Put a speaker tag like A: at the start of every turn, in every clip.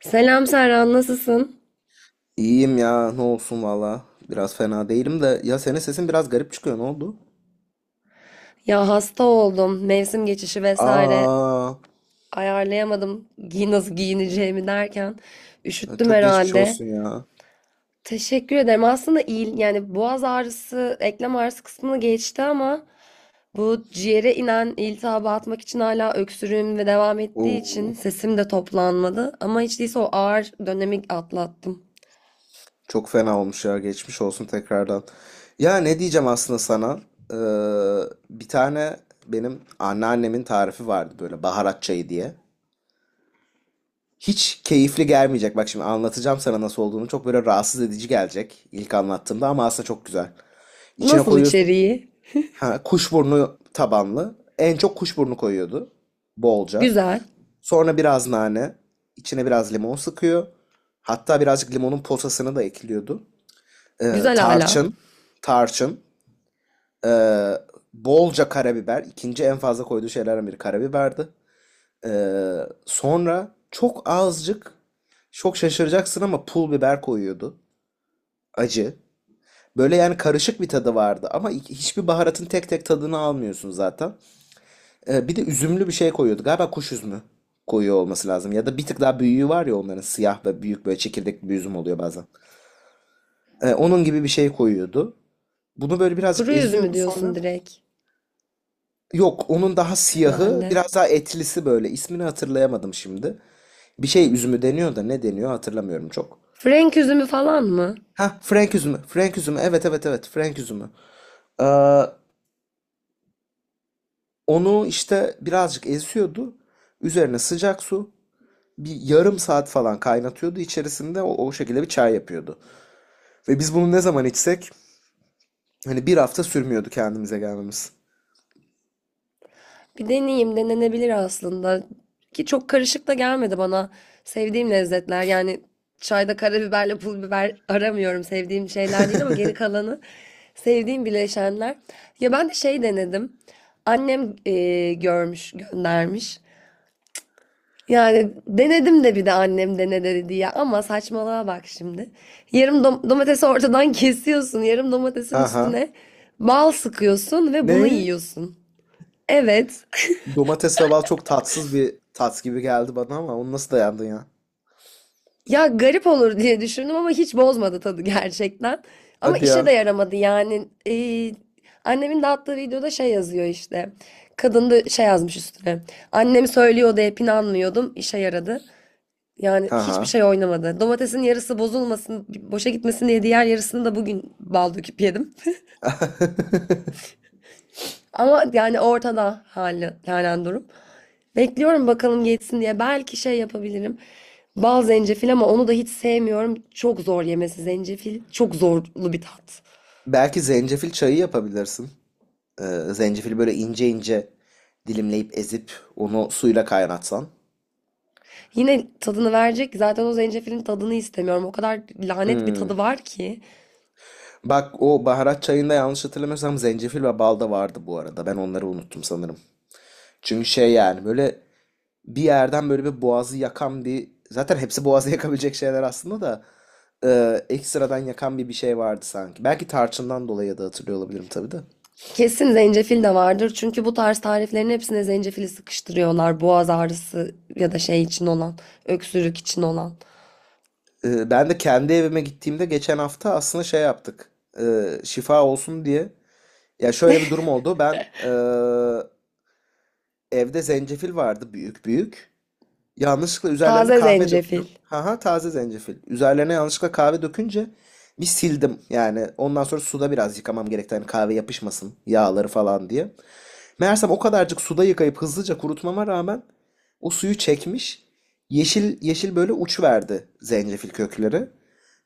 A: Selam Serhan, nasılsın?
B: İyiyim ya ne olsun valla. Biraz fena değilim de ya senin sesin biraz garip çıkıyor ne oldu?
A: Ya hasta oldum. Mevsim geçişi vesaire
B: Aa,
A: ayarlayamadım. Nasıl giyineceğimi derken üşüttüm
B: çok geçmiş
A: herhalde.
B: olsun ya.
A: Teşekkür ederim. Aslında yani boğaz ağrısı, eklem ağrısı kısmını geçti ama bu ciğere inen iltihabı atmak için hala öksürüğüm ve devam ettiği için
B: Oo,
A: sesim de toplanmadı. Ama hiç değilse o ağır dönemi atlattım.
B: çok fena olmuş ya geçmiş olsun tekrardan. Ya ne diyeceğim aslında sana? Bir tane benim anneannemin tarifi vardı böyle baharat çayı diye. Hiç keyifli gelmeyecek. Bak şimdi anlatacağım sana nasıl olduğunu. Çok böyle rahatsız edici gelecek ilk anlattığımda ama aslında çok güzel. İçine
A: Nasıl
B: koyuyorsun.
A: içeriği?
B: Ha, kuşburnu tabanlı. En çok kuşburnu koyuyordu. Bolca.
A: Güzel.
B: Sonra biraz nane. İçine biraz limon sıkıyor. Hatta birazcık limonun posasını da ekliyordu. Ee,
A: Güzel hala.
B: tarçın. Tarçın. Ee, bolca karabiber. İkinci en fazla koyduğu şeylerden biri karabiberdi. Ee, sonra çok azıcık, çok şaşıracaksın ama pul biber koyuyordu. Acı. Böyle yani karışık bir tadı vardı ama hiçbir baharatın tek tek tadını almıyorsun zaten. Bir de üzümlü bir şey koyuyordu. Galiba kuş üzümü koyuyor olması lazım. Ya da bir tık daha büyüğü var ya onların, siyah ve büyük böyle çekirdekli bir üzüm oluyor bazen. Onun gibi bir şey koyuyordu. Bunu böyle birazcık
A: Kuru üzümü
B: eziyordu
A: diyorsun
B: sonra.
A: direkt
B: Yok onun daha siyahı,
A: herhalde.
B: biraz daha etlisi böyle. İsmini hatırlayamadım şimdi. Bir şey üzümü deniyor da ne deniyor hatırlamıyorum çok.
A: Frenk üzümü falan mı?
B: Ha, Frank üzümü. Frank üzümü. Evet, evet, evet, Frank üzümü. Ee, onu işte birazcık eziyordu. Üzerine sıcak su, bir yarım saat falan kaynatıyordu içerisinde, o şekilde bir çay yapıyordu. Ve biz bunu ne zaman içsek hani bir hafta sürmüyordu kendimize gelmemiz.
A: Bir deneyeyim, denenebilir aslında. Ki çok karışık da gelmedi bana. Sevdiğim lezzetler yani çayda karabiberle pul biber aramıyorum. Sevdiğim şeyler değil ama geri kalanı sevdiğim bileşenler. Ya ben de şey denedim. Annem görmüş, göndermiş. Yani denedim de bir de annem dene dedi ya ama saçmalığa bak şimdi. Yarım domatesi ortadan kesiyorsun. Yarım domatesin
B: Aha.
A: üstüne bal sıkıyorsun ve bunu
B: Ne?
A: yiyorsun. Evet.
B: Domates ve bal çok tatsız bir tat gibi geldi bana ama onu nasıl dayandın ya?
A: Ya garip olur diye düşündüm ama hiç bozmadı tadı gerçekten. Ama
B: Hadi
A: işe de
B: ya.
A: yaramadı yani. Annemin dağıttığı videoda şey yazıyor işte. Kadın da şey yazmış üstüne. Annem söylüyordu hep inanmıyordum. İşe yaradı. Yani hiçbir
B: Aha.
A: şey oynamadı. Domatesin yarısı bozulmasın, boşa gitmesin diye diğer yarısını da bugün bal döküp yedim. Ama yani ortada halen durum. Bekliyorum bakalım geçsin diye. Belki şey yapabilirim. Bal zencefil ama onu da hiç sevmiyorum. Çok zor yemesi zencefil. Çok zorlu bir tat.
B: Belki zencefil çayı yapabilirsin. Ee, zencefili böyle ince ince dilimleyip ezip onu suyla kaynatsan.
A: Yine tadını verecek. Zaten o zencefilin tadını istemiyorum. O kadar lanet bir
B: Hmm.
A: tadı var ki.
B: Bak o baharat çayında, yanlış hatırlamıyorsam, zencefil ve bal da vardı bu arada. Ben onları unuttum sanırım. Çünkü şey, yani böyle bir yerden böyle bir boğazı yakan bir, zaten hepsi boğazı yakabilecek şeyler aslında da ekstradan yakan bir şey vardı sanki. Belki tarçından dolayı da hatırlıyor olabilirim tabii de.
A: Kesin zencefil de vardır. Çünkü bu tarz tariflerin hepsine zencefili sıkıştırıyorlar. Boğaz ağrısı ya da şey için olan, öksürük için olan.
B: Ben de kendi evime gittiğimde, geçen hafta, aslında şey yaptık. Şifa olsun diye. Ya şöyle bir durum oldu. Ben evde zencefil vardı, büyük büyük. Yanlışlıkla üzerlerine
A: Taze
B: kahve
A: zencefil.
B: döktüm. Haha, taze zencefil. Üzerlerine yanlışlıkla kahve dökünce bir sildim. Yani ondan sonra suda biraz yıkamam gerekti. Hani kahve yapışmasın, yağları falan diye. Meğersem o kadarcık suda yıkayıp hızlıca kurutmama rağmen o suyu çekmiş. Yeşil yeşil böyle uç verdi zencefil kökleri.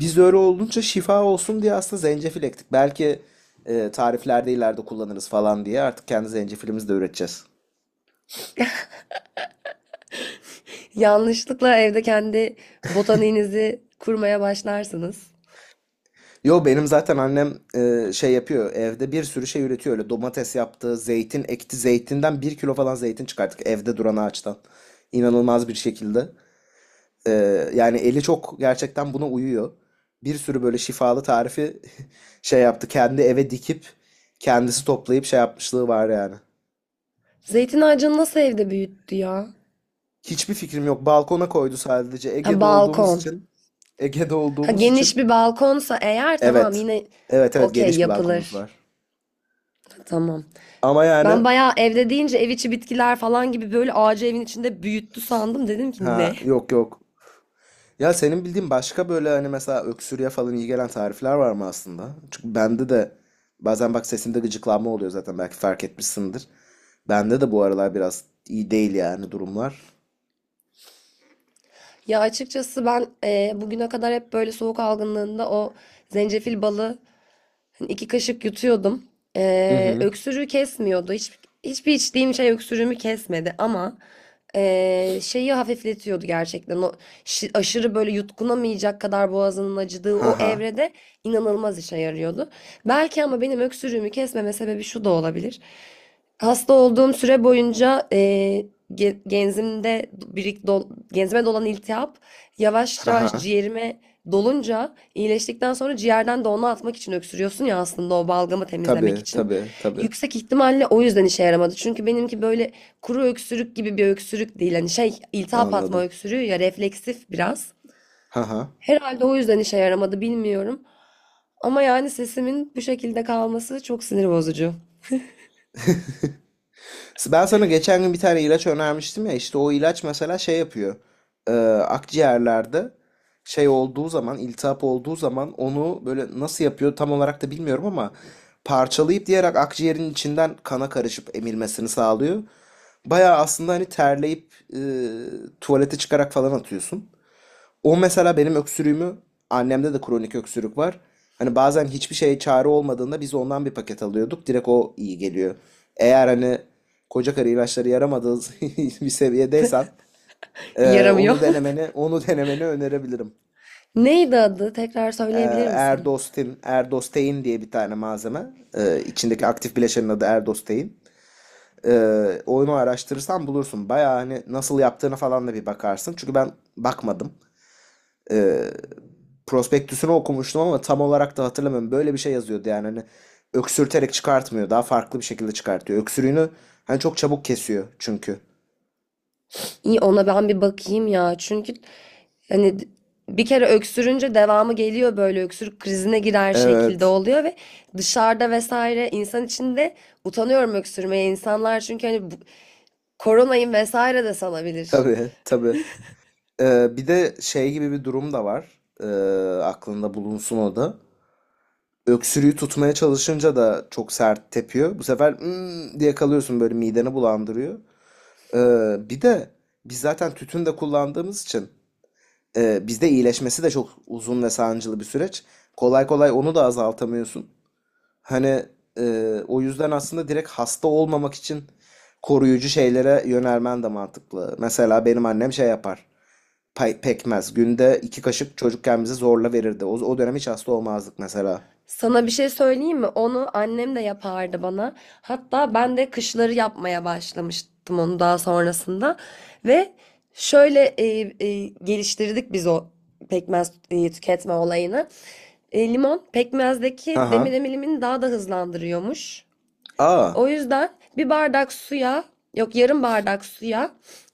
B: Biz de öyle olunca şifa olsun diye aslında zencefil ektik. Belki tariflerde ileride kullanırız falan diye artık kendi zencefilimizi de üreteceğiz.
A: Yanlışlıkla evde kendi botaniğinizi kurmaya başlarsınız.
B: Yo, benim zaten annem şey yapıyor, evde bir sürü şey üretiyor. Öyle domates yaptı, zeytin ekti, zeytinden 1 kilo falan zeytin çıkarttık evde duran ağaçtan, inanılmaz bir şekilde. E, yani eli çok gerçekten buna uyuyor. Bir sürü böyle şifalı tarifi şey yaptı, kendi eve dikip kendisi toplayıp şey yapmışlığı var yani.
A: Zeytin ağacını nasıl evde büyüttü ya?
B: Hiçbir fikrim yok, balkona koydu sadece.
A: Ha,
B: Ege'de olduğumuz
A: balkon.
B: için. Ege'de
A: Ha,
B: olduğumuz
A: geniş
B: için
A: bir balkonsa eğer tamam
B: evet,
A: yine
B: evet, evet,
A: okey
B: geniş bir balkonumuz
A: yapılır.
B: var.
A: Tamam.
B: Ama yani.
A: Ben bayağı evde deyince ev içi bitkiler falan gibi böyle ağacı evin içinde büyüttü sandım. Dedim ki
B: Ha,
A: ne?
B: yok, yok. Ya senin bildiğin başka böyle, hani mesela öksürüğe falan iyi gelen tarifler var mı aslında? Çünkü bende de bazen, bak, sesimde gıcıklanma oluyor zaten, belki fark etmişsindir. Bende de bu aralar biraz iyi değil yani durumlar.
A: Ya açıkçası ben bugüne kadar hep böyle soğuk algınlığında o zencefil balı, hani 2 kaşık yutuyordum.
B: Hı hı.
A: Öksürüğü kesmiyordu. Hiçbir içtiğim şey öksürüğümü kesmedi ama şeyi hafifletiyordu gerçekten. O aşırı böyle yutkunamayacak kadar boğazının acıdığı
B: Ha
A: o
B: ha.
A: evrede inanılmaz işe yarıyordu. Belki ama benim öksürüğümü kesmeme sebebi şu da olabilir. Hasta olduğum süre boyunca genzimde genzime dolan iltihap yavaş
B: Ha
A: yavaş
B: ha.
A: ciğerime dolunca iyileştikten sonra ciğerden de onu atmak için öksürüyorsun ya aslında o balgamı temizlemek
B: Tabii,
A: için.
B: tabii, tabii.
A: Yüksek ihtimalle o yüzden işe yaramadı. Çünkü benimki böyle kuru öksürük gibi bir öksürük değil. Hani şey iltihap atma
B: Anladım.
A: öksürüğü ya refleksif biraz.
B: Ha ha.
A: Herhalde o yüzden işe yaramadı bilmiyorum. Ama yani sesimin bu şekilde kalması çok sinir bozucu.
B: Ben sana geçen gün bir tane ilaç önermiştim ya, işte o ilaç mesela şey yapıyor. Ee, akciğerlerde şey olduğu zaman, iltihap olduğu zaman, onu böyle nasıl yapıyor tam olarak da bilmiyorum ama parçalayıp diyerek akciğerin içinden kana karışıp emilmesini sağlıyor. Baya aslında hani terleyip tuvalete çıkarak falan atıyorsun. O mesela benim öksürüğümü, annemde de kronik öksürük var. Hani bazen hiçbir şeye çare olmadığında biz ondan bir paket alıyorduk. Direkt o iyi geliyor. Eğer hani koca karı ilaçları yaramadığı bir seviyedeysen,
A: Yaramıyor.
B: onu denemeni onu denemeni önerebilirim.
A: Neydi adı? Tekrar
B: E,
A: söyleyebilir misin?
B: Erdostein diye bir tane malzeme. E, içindeki aktif bileşenin adı Erdostein. E, onu araştırırsan bulursun. Bayağı hani nasıl yaptığını falan da bir bakarsın. Çünkü ben bakmadım. e, prospektüsünü okumuştum ama tam olarak da hatırlamıyorum. Böyle bir şey yazıyordu yani, hani öksürterek çıkartmıyor. Daha farklı bir şekilde çıkartıyor. Öksürüğünü hani çok çabuk kesiyor çünkü.
A: İyi ona ben bir bakayım ya. Çünkü hani bir kere öksürünce devamı geliyor böyle öksürük krizine girer şekilde
B: Evet.
A: oluyor ve dışarıda vesaire insan içinde utanıyorum öksürmeye. İnsanlar çünkü hani koronayım vesaire de salabilir.
B: Tabii, tabii. Bir de şey gibi bir durum da var. Aklında bulunsun o da. Öksürüğü tutmaya çalışınca da çok sert tepiyor. Bu sefer "Hmm" diye kalıyorsun, böyle mideni bulandırıyor. E, bir de biz zaten tütün de kullandığımız için, bizde iyileşmesi de çok uzun ve sancılı bir süreç. Kolay kolay onu da azaltamıyorsun. Hani o yüzden aslında direkt hasta olmamak için koruyucu şeylere yönelmen de mantıklı. Mesela benim annem şey yapar. Pekmez. Günde 2 kaşık çocukken bize zorla verirdi. O dönem hiç hasta olmazdık mesela.
A: Sana bir şey söyleyeyim mi? Onu annem de yapardı bana. Hatta ben de kışları yapmaya başlamıştım onu daha sonrasında. Ve şöyle geliştirdik biz o pekmez tüketme olayını. Limon pekmezdeki
B: Haha.
A: demir emilimini daha da hızlandırıyormuş.
B: Aa.
A: O yüzden bir bardak suya, yok yarım bardak suya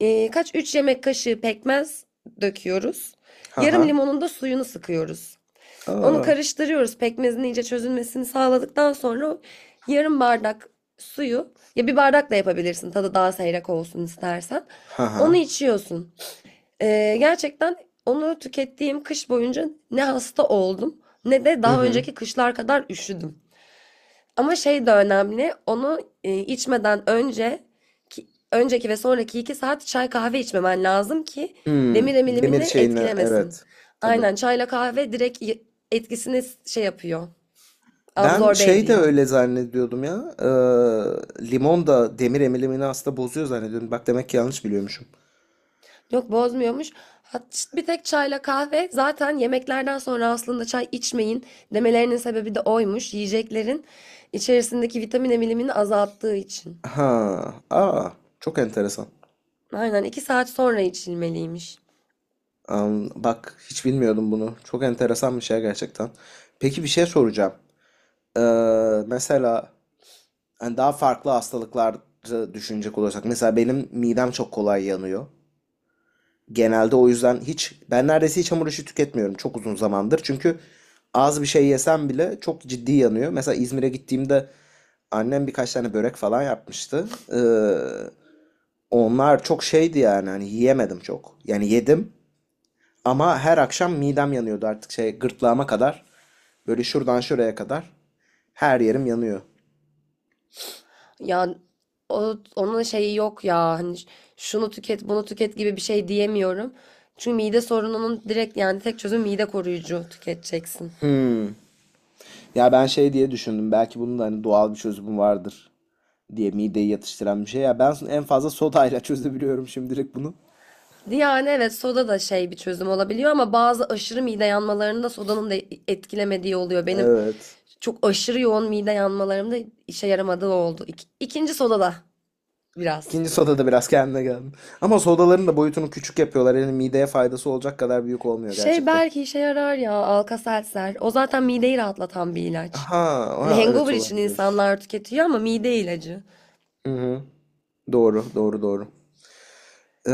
A: e, kaç 3 yemek kaşığı pekmez döküyoruz. Yarım
B: Haha.
A: limonun da suyunu sıkıyoruz. Onu
B: Aa.
A: karıştırıyoruz. Pekmezin iyice çözülmesini sağladıktan sonra yarım bardak suyu ya bir bardak da yapabilirsin tadı daha seyrek olsun istersen. Onu
B: Haha.
A: içiyorsun. Gerçekten onu tükettiğim kış boyunca ne hasta oldum ne de
B: Hı
A: daha
B: hı.
A: önceki kışlar kadar üşüdüm. Ama şey de önemli. Onu içmeden önce önceki ve sonraki 2 saat çay kahve içmemen lazım ki demir
B: Hmm. Demir
A: emilimini
B: şeyini,
A: etkilemesin.
B: evet. Tabii.
A: Aynen çayla kahve direkt etkisini şey yapıyor.
B: Ben
A: Absorbe
B: şey de
A: ediyor.
B: öyle zannediyordum ya. Limon da demir emilimini aslında bozuyor zannediyordum. Bak, demek ki yanlış biliyormuşum.
A: Yok bozmuyormuş. Bir tek çayla kahve zaten yemeklerden sonra aslında çay içmeyin demelerinin sebebi de oymuş. Yiyeceklerin içerisindeki vitamin emilimini azalttığı için.
B: Ha, aa, çok enteresan.
A: Aynen 2 saat sonra içilmeliymiş.
B: Bak hiç bilmiyordum bunu. Çok enteresan bir şey gerçekten. Peki, bir şey soracağım. Mesela hani daha farklı hastalıkları düşünecek olursak. Mesela benim midem çok kolay yanıyor. Genelde o yüzden hiç, ben neredeyse hiç hamur işi tüketmiyorum çok uzun zamandır. Çünkü az bir şey yesem bile çok ciddi yanıyor. Mesela İzmir'e gittiğimde annem birkaç tane börek falan yapmıştı. Onlar çok şeydi yani, hani yiyemedim çok. Yani yedim ama her akşam midem yanıyordu artık, şey, gırtlağıma kadar. Böyle şuradan şuraya kadar her yerim yanıyor.
A: Ya onun şeyi yok ya hani şunu tüket bunu tüket gibi bir şey diyemiyorum. Çünkü mide sorununun direkt yani tek çözüm mide koruyucu tüketeceksin.
B: Ya ben şey diye düşündüm, belki bunun da hani doğal bir çözümü vardır diye, mideyi yatıştıran bir şey. Ya ben en fazla sodayla çözebiliyorum şimdilik bunu.
A: Yani evet soda da şey bir çözüm olabiliyor ama bazı aşırı mide yanmalarında sodanın da etkilemediği oluyor. Benim
B: Evet.
A: çok aşırı yoğun mide yanmalarımda işe yaramadığı oldu. İkinci soda da biraz.
B: İkinci sodada biraz kendine geldim. Ama sodaların da boyutunu küçük yapıyorlar. Yani mideye faydası olacak kadar büyük olmuyor
A: Şey
B: gerçekten.
A: belki işe yarar ya Alka-Seltzer. O zaten mideyi rahatlatan bir ilaç.
B: Ha,
A: Hani
B: ha, evet
A: hangover için
B: olabilir.
A: insanlar tüketiyor ama mide ilacı.
B: Hı hı. Doğru, doğru, doğru. Ee,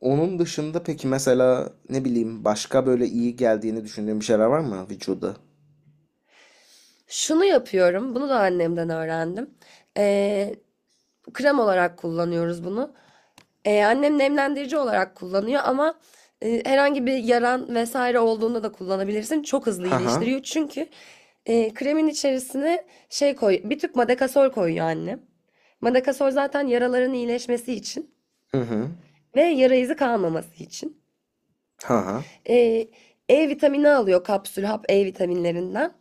B: onun dışında peki mesela, ne bileyim, başka böyle iyi geldiğini düşündüğün bir şeyler var mı vücuda?
A: Şunu yapıyorum. Bunu da annemden öğrendim. Ee, Krem olarak kullanıyoruz bunu. Annem nemlendirici olarak kullanıyor ama herhangi bir yaran vesaire olduğunda da kullanabilirsin. Çok hızlı
B: Ha ha.
A: iyileştiriyor. Çünkü kremin içerisine bir tüp madakasol koyuyor annem. Madakasol zaten yaraların iyileşmesi için
B: Hı hı.
A: ve yara izi kalmaması için.
B: Ha ha.
A: Eee, E vitamini alıyor kapsül hap E vitaminlerinden.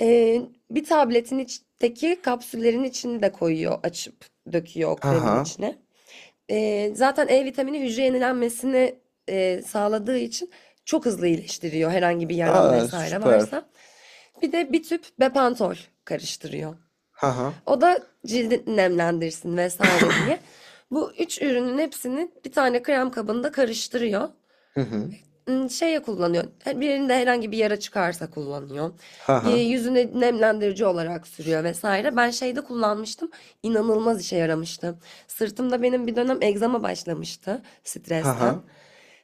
A: Eee, Bir tabletin içteki kapsüllerin içini de koyuyor açıp döküyor o
B: Ha
A: kremin
B: ha.
A: içine. Zaten E vitamini hücre yenilenmesini sağladığı için çok hızlı iyileştiriyor herhangi bir yaran
B: Aa,
A: vesaire
B: süper.
A: varsa. Bir de bir tüp Bepantol karıştırıyor.
B: Ha ha.
A: O da cildi nemlendirsin vesaire diye. Bu üç ürünün hepsini bir tane krem kabında karıştırıyor.
B: Hı hı.
A: Şeye kullanıyor, birinde herhangi bir yara çıkarsa kullanıyor.
B: Ha ha.
A: Yüzüne nemlendirici olarak sürüyor vesaire. Ben şeyde kullanmıştım, inanılmaz işe yaramıştı. Sırtımda benim bir dönem egzama başlamıştı
B: Ha ha.
A: stresten.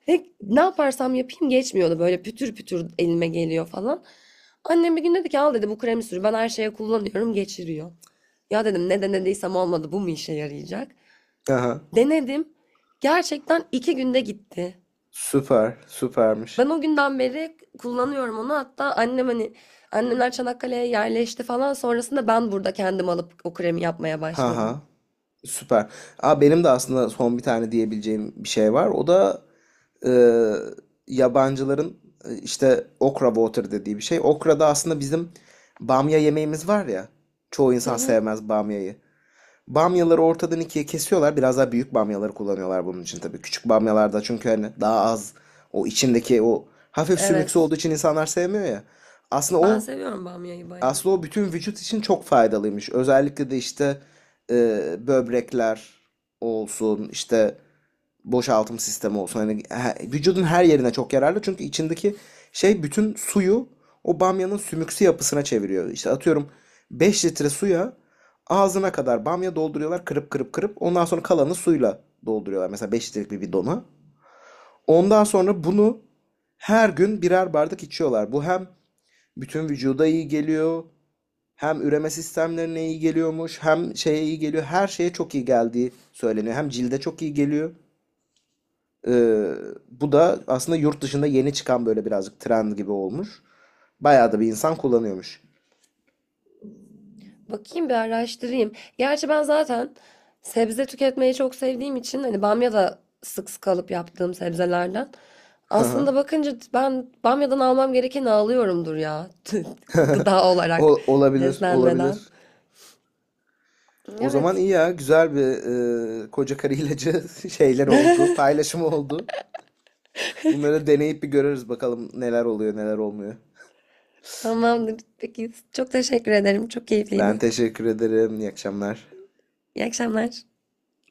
A: Ve ne yaparsam yapayım geçmiyordu, böyle pütür pütür elime geliyor falan. Annem bir gün dedi ki al dedi bu kremi sür, ben her şeye kullanıyorum geçiriyor. Ya dedim ne denediysem olmadı bu mu işe yarayacak?
B: Ha ha.
A: Denedim, gerçekten 2 günde gitti.
B: Süper, süpermiş.
A: Ben o günden beri kullanıyorum onu. Hatta annem hani annemler Çanakkale'ye yerleşti falan. Sonrasında ben burada kendim alıp o kremi yapmaya
B: Ha
A: başladım.
B: ha. Süper. Aa, benim de aslında son bir tane diyebileceğim bir şey var. O da e, yabancıların işte okra water dediği bir şey. Okra da aslında bizim bamya yemeğimiz var ya. Çoğu
A: Hı
B: insan
A: hı.
B: sevmez bamyayı. Bamyaları ortadan ikiye kesiyorlar. Biraz daha büyük bamyaları kullanıyorlar bunun için tabii. Küçük bamyalarda, çünkü hani daha az o içindeki, o hafif sümüksü
A: Evet.
B: olduğu için insanlar sevmiyor ya. Aslında
A: Ben
B: o
A: seviyorum bamyayı bayağı.
B: aslında o bütün vücut için çok faydalıymış. Özellikle de işte e, böbrekler olsun, işte boşaltım sistemi olsun. Hani vücudun her yerine çok yararlı. Çünkü içindeki şey bütün suyu o bamyanın sümüksü yapısına çeviriyor. İşte atıyorum, 5 litre suya ağzına kadar bamya dolduruyorlar kırıp kırıp kırıp. Ondan sonra kalanı suyla dolduruyorlar. Mesela 5 litrelik bir bidona. Ondan sonra bunu her gün birer bardak içiyorlar. Bu hem bütün vücuda iyi geliyor. Hem üreme sistemlerine iyi geliyormuş, hem şeye iyi geliyor. Her şeye çok iyi geldiği söyleniyor. Hem cilde çok iyi geliyor. Ee, bu da aslında yurt dışında yeni çıkan böyle birazcık trend gibi olmuş. Bayağı da bir insan kullanıyormuş.
A: Bakayım bir araştırayım. Gerçi ben zaten sebze tüketmeyi çok sevdiğim için hani bamya da sık sık alıp yaptığım sebzelerden.
B: Hı.
A: Aslında bakınca ben bamyadan almam gerekeni alıyorumdur ya. Gıda olarak
B: Olabilir,
A: beslenmeden.
B: olabilir. O zaman
A: Evet.
B: iyi ya, güzel bir koca karı ilacı şeyleri oldu, paylaşımı oldu. Bunları deneyip bir görürüz bakalım neler oluyor, neler olmuyor.
A: Tamamdır. Peki. Çok teşekkür ederim. Çok
B: Ben
A: keyifliydi.
B: teşekkür ederim. İyi akşamlar.
A: İyi akşamlar.